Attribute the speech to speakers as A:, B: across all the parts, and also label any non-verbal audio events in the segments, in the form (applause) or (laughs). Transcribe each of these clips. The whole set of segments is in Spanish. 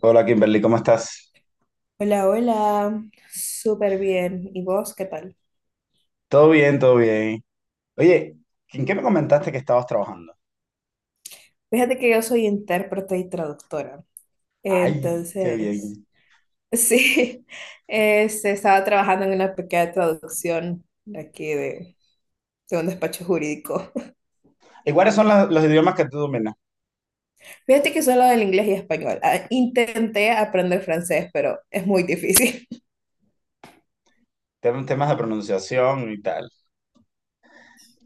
A: Hola Kimberly, ¿cómo estás?
B: Hola, hola, súper bien. ¿Y vos qué tal?
A: Todo bien, todo bien. Oye, ¿en qué me comentaste que estabas trabajando?
B: Fíjate que yo soy intérprete y traductora.
A: Ay, qué bien.
B: Entonces, (laughs) sí, estaba trabajando en una pequeña traducción de aquí de un despacho jurídico.
A: ¿Y cuáles son los idiomas que tú dominas?
B: (laughs) Fíjate que solo del inglés y español. Ah, intenté aprender francés, pero es muy difícil. (laughs)
A: Temas de pronunciación y tal.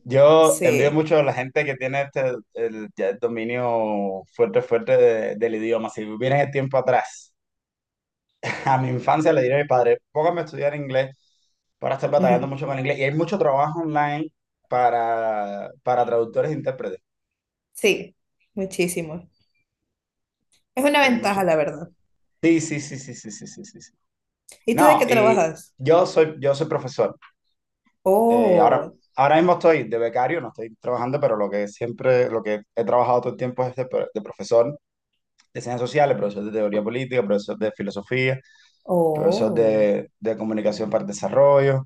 A: Yo envío
B: Sí,
A: mucho a la gente que tiene este el, ya el dominio fuerte, fuerte del idioma. Si vienen el tiempo atrás, (laughs) a mi infancia le diré a mi padre, póngame a estudiar inglés para estar batallando
B: ujú,
A: mucho con el inglés. Y hay mucho trabajo online para traductores e intérpretes.
B: sí, muchísimo. Es una
A: Hay mucho.
B: ventaja, la verdad.
A: Sí, sí, sí, sí, sí, sí, sí, sí, sí.
B: ¿Y tú de
A: No,
B: qué
A: y
B: trabajas?
A: yo soy profesor. Ahora
B: Oh.
A: ahora mismo estoy de becario, no estoy trabajando, pero lo que siempre, lo que he trabajado todo el tiempo es de, de profesor de ciencias sociales, profesor de teoría política, profesor de filosofía, profesor
B: Oh.
A: de comunicación para el desarrollo,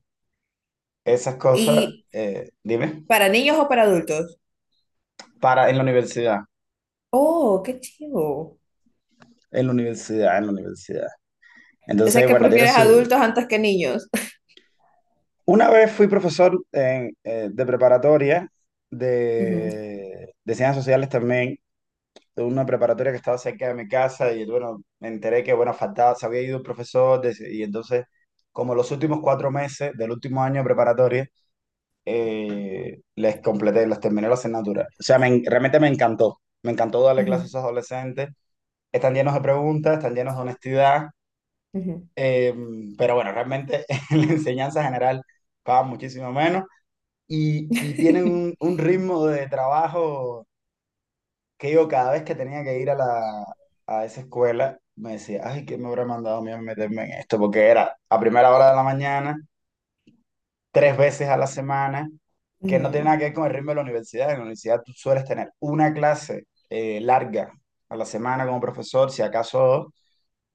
A: esas cosas,
B: ¿Y
A: dime,
B: para niños o para adultos?
A: para en la universidad,
B: Oh, qué chivo.
A: en la universidad, en la universidad.
B: O sea,
A: Entonces,
B: que
A: bueno, tiene
B: prefieres
A: su...
B: adultos antes que niños.
A: Una vez fui profesor en, de preparatoria
B: Ujú,
A: de ciencias sociales también de una preparatoria que estaba cerca de mi casa y bueno, me enteré que bueno, faltaba, se había ido un y entonces como los últimos cuatro meses del último año de preparatoria, les completé, les terminé la asignatura. O sea, realmente me encantó darle clases a
B: ujú,
A: esos adolescentes. Están llenos de preguntas, están llenos de honestidad,
B: ujú.
A: eh, pero bueno, realmente (laughs) en la enseñanza general pagan muchísimo menos y tienen un
B: (laughs)
A: un ritmo de trabajo que yo cada vez que tenía que ir a la, a esa escuela, me decía, ay, ¿qué me habrá mandado a mí a meterme en esto? Porque era a primera hora de la mañana, tres veces a la semana, que no tiene
B: Ujú.
A: nada que ver con el ritmo de la universidad. En la universidad tú sueles tener una clase larga a la semana como profesor, si acaso dos,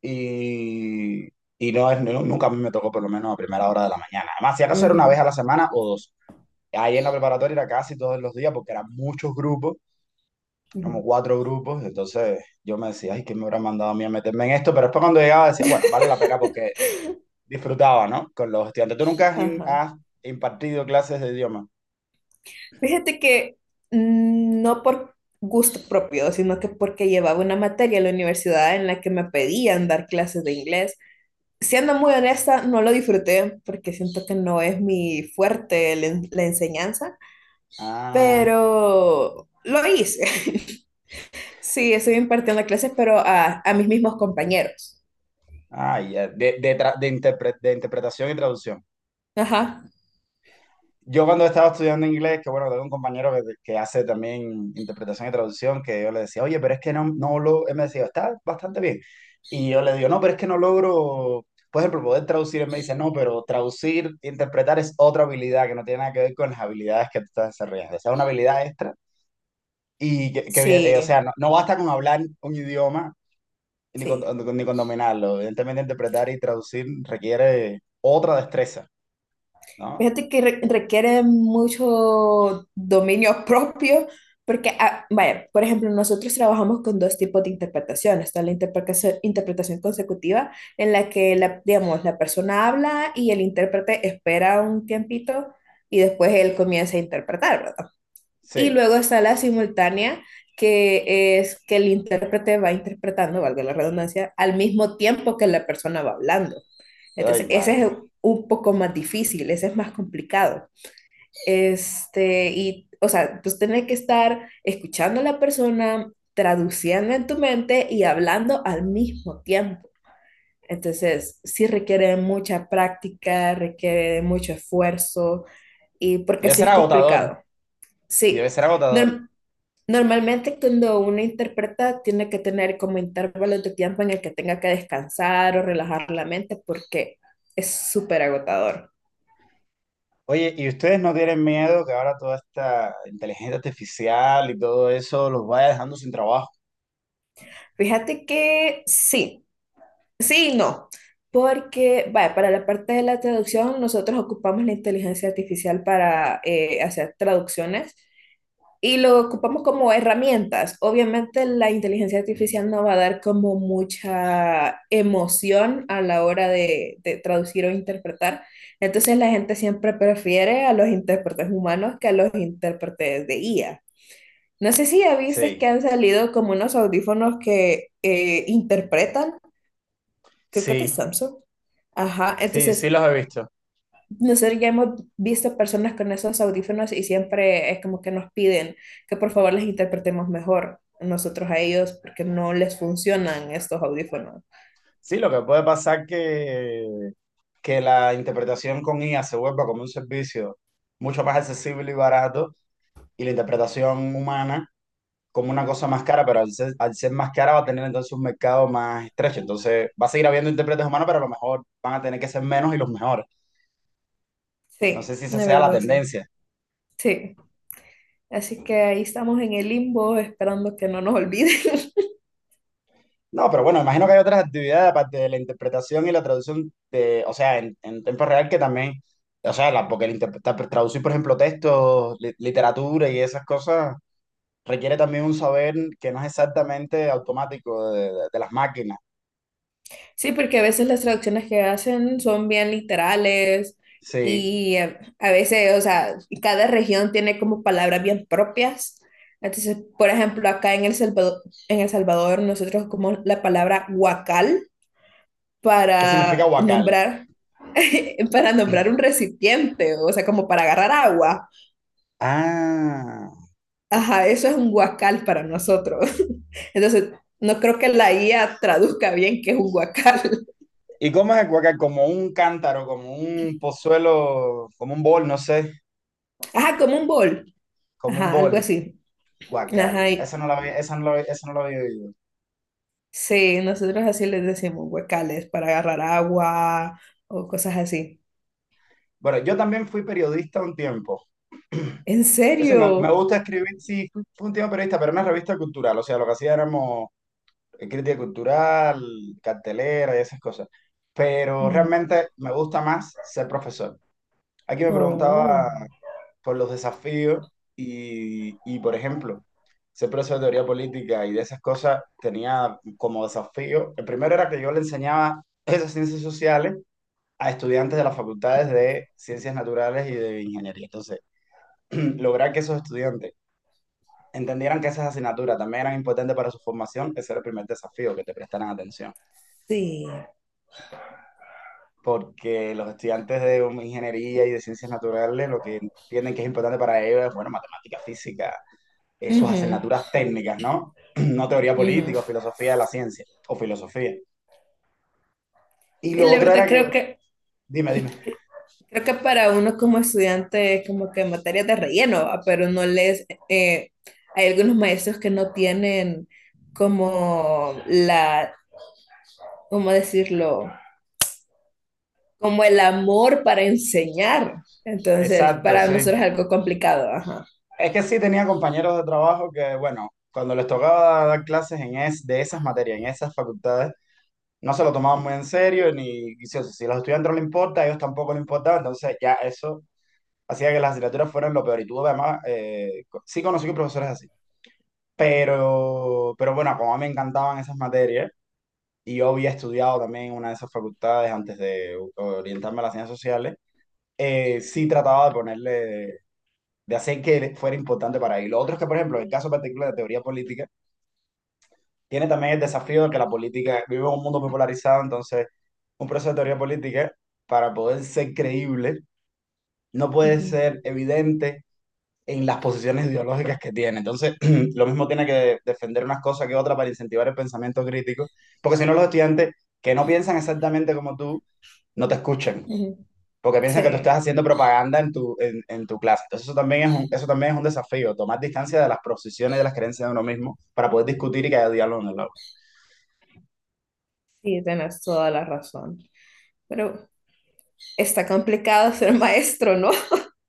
A: y, y no es, no- nunca a mí me tocó por lo menos a primera hora de la mañana. Además, si acaso era una vez
B: Ujú,
A: a la semana o dos. Ahí en la preparatoria era casi todos los días porque eran muchos grupos, éramos
B: ujú.
A: cuatro grupos, entonces yo me decía, ay, ¿quién me habrá mandado a mí a meterme en esto? Pero después cuando llegaba decía, bueno, vale la pena porque disfrutaba, ¿no? Con los estudiantes. ¿Tú nunca
B: Ajá.
A: has impartido clases de idioma?
B: Fíjate que no por gusto propio, sino que porque llevaba una materia en la universidad en la que me pedían dar clases de inglés. Siendo muy honesta, no lo disfruté porque siento que no es mi fuerte la enseñanza,
A: Ah,
B: pero lo hice. (laughs) Sí, estoy impartiendo clases, pero a mis mismos compañeros.
A: ah, ya. De, de interpretación y traducción.
B: Ajá.
A: Yo cuando estaba estudiando inglés, que bueno, tengo un compañero que hace también interpretación y traducción, que yo le decía, oye, pero es que no, no lo, él me decía, está bastante bien. Y yo le digo, no, pero es que no logro, por ejemplo, poder traducir. Él me dice, no, pero traducir, interpretar es otra habilidad que no tiene nada que ver con las habilidades que tú estás desarrollando. O sea, una habilidad extra. Y o
B: Sí,
A: sea, no, no basta con hablar un idioma ni con,
B: sí.
A: ni con dominarlo. Evidentemente, interpretar y traducir requiere otra destreza, ¿no?
B: Fíjate que requiere mucho dominio (laughs) propio, porque, ah, vaya, por ejemplo, nosotros trabajamos con dos tipos de interpretación. Está interpretación consecutiva, en la que, la, digamos, la persona habla y el intérprete espera un tiempito y después él comienza a interpretar, ¿verdad? Y
A: Sí.
B: luego está la simultánea, que es que el intérprete va interpretando, valga la redundancia, al mismo tiempo que la persona va hablando. Entonces,
A: Ay,
B: ese es
A: madre.
B: un poco más difícil, ese es más complicado. Y, o sea, pues tenés que estar escuchando a la persona, traduciendo en tu mente y hablando al mismo tiempo. Entonces, sí requiere mucha práctica, requiere mucho esfuerzo y porque
A: Debe
B: sí
A: ser
B: es
A: agotador
B: complicado.
A: debe
B: Sí,
A: ser agotador.
B: no, normalmente cuando uno interpreta tiene que tener como intervalos de tiempo en el que tenga que descansar o relajar la mente porque es súper agotador.
A: Oye, ¿y ustedes no tienen miedo que ahora toda esta inteligencia artificial y todo eso los vaya dejando sin trabajo?
B: Fíjate que sí, sí y no, porque vaya, para la parte de la traducción nosotros ocupamos la inteligencia artificial para hacer traducciones y lo ocupamos como herramientas. Obviamente la inteligencia artificial no va a dar como mucha emoción a la hora de traducir o interpretar. Entonces la gente siempre prefiere a los intérpretes humanos que a los intérpretes de IA. No sé si ya viste
A: Sí,
B: que han salido como unos audífonos que interpretan, creo que de
A: sí,
B: Samsung. Ajá,
A: sí, sí
B: entonces
A: los he visto.
B: nosotros ya hemos visto personas con esos audífonos y siempre es como que nos piden que por favor les interpretemos mejor nosotros a ellos porque no les funcionan estos audífonos.
A: Sí, lo que puede pasar que la interpretación con IA se vuelva como un servicio mucho más accesible y barato y la interpretación humana como una cosa más cara, pero al ser más cara va a tener entonces un mercado más estrecho. Entonces va a seguir habiendo intérpretes humanos, pero a lo mejor van a tener que ser menos y los mejores. No
B: Sí,
A: sé si esa
B: de
A: sea la
B: verdad, sí.
A: tendencia.
B: Sí. Así que ahí estamos en el limbo esperando que no nos olviden. (laughs)
A: No, pero bueno, imagino que hay otras actividades aparte de la interpretación y la traducción, de, o sea, en tiempo real que también, o sea, porque el interpretar, traducir, por ejemplo, textos, literatura y esas cosas, requiere también un saber que no es exactamente automático de, de las máquinas.
B: Sí, porque a veces las traducciones que hacen son bien literales
A: Sí.
B: y a veces, o sea, cada región tiene como palabras bien propias. Entonces, por ejemplo, acá en El Salvador nosotros como la palabra huacal
A: ¿Qué significa
B: para
A: huacal?
B: nombrar, (laughs) para nombrar un recipiente, o sea, como para agarrar agua.
A: Ah.
B: Ajá, eso es un huacal para nosotros. (laughs) Entonces, no creo que la IA traduzca bien qué es un huacal. (laughs)
A: ¿Y cómo es el huacal? Como un cántaro, como un pozuelo, como un bol, no sé,
B: Ajá, como un bol.
A: como un
B: Ajá, algo
A: bol.
B: así. Ajá,
A: Huacal.
B: y
A: Esa no la había oído.
B: sí, nosotros así les decimos huecales para agarrar agua o cosas así.
A: Bueno, yo también fui periodista un tiempo. (clears throat)
B: ¿En
A: Ese me
B: serio?
A: gusta escribir, sí, fui un tiempo periodista, pero en una revista cultural, o sea, lo que hacía éramos crítica cultural, cartelera y esas cosas. Pero
B: Ujú.
A: realmente me gusta más ser profesor. Aquí me
B: Oh,
A: preguntaba por los desafíos y, por ejemplo, ser profesor de teoría política y de esas cosas tenía como desafío, el primero era que yo le enseñaba esas ciencias sociales a estudiantes de las facultades de ciencias naturales y de ingeniería. Entonces, (clears throat) lograr que esos estudiantes entendieran que esas asignaturas también eran importantes para su formación, ese era el primer desafío, que te prestaran atención.
B: sí.
A: Porque los estudiantes de ingeniería y de ciencias naturales lo que entienden que es importante para ellos es, bueno, matemática, física, sus
B: Ujú,
A: asignaturas técnicas, ¿no? (clears throat) No teoría política o
B: ujú.
A: filosofía de la ciencia, o filosofía. Y
B: Sí,
A: lo
B: la
A: otro
B: verdad
A: era que, dime, dime.
B: creo que para uno como estudiante es como que materias de relleno, ¿va? Pero no les hay algunos maestros que no tienen como ¿cómo decirlo? Como el amor para enseñar. Entonces,
A: Exacto,
B: para nosotros
A: sí.
B: es algo complicado, ajá.
A: Es que sí tenía compañeros de trabajo que, bueno, cuando les tocaba dar clases de esas materias, en esas facultades, no se lo tomaban muy en serio, ni y si, si a los estudiantes no les importa, a ellos tampoco les importaba, entonces ya eso hacía que las asignaturas fueran lo peor. Y tuve además, sí conocí que profesores así, pero bueno, como a mí me encantaban esas materias, y yo había estudiado también en una de esas facultades antes de orientarme a las ciencias sociales, sí trataba de ponerle de hacer que fuera importante para él. Lo otro es que, por ejemplo, en el caso particular de teoría política, tiene también el desafío de que la política vive en un mundo muy polarizado, entonces un proceso de teoría política, para poder ser creíble, no puede
B: Ujú,
A: ser evidente en las posiciones ideológicas que tiene. Entonces, (clears throat) lo mismo tiene que defender unas cosas que otras para incentivar el pensamiento crítico, porque si no los estudiantes que no piensan exactamente como tú, no te escuchan
B: ujú.
A: porque piensan que tú estás
B: Sí,
A: haciendo propaganda en tu clase. Entonces eso también es un, eso también es un desafío, tomar distancia de las posiciones y de las creencias de uno mismo para poder discutir y que haya diálogo en el aula.
B: sí, tienes toda la razón. Pero está complicado (laughs) ser maestro, ¿no?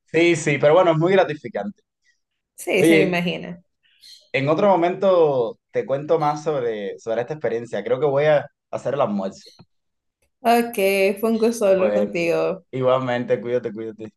A: Sí, sí, pero bueno, es muy gratificante.
B: Sí, se me
A: Oye,
B: imagina.
A: en otro momento te cuento más sobre, sobre esta experiencia. Creo que voy a hacer el almuerzo.
B: Ok, fue un gusto hablar
A: Bueno,
B: contigo.
A: igualmente, cuídate, cuídate.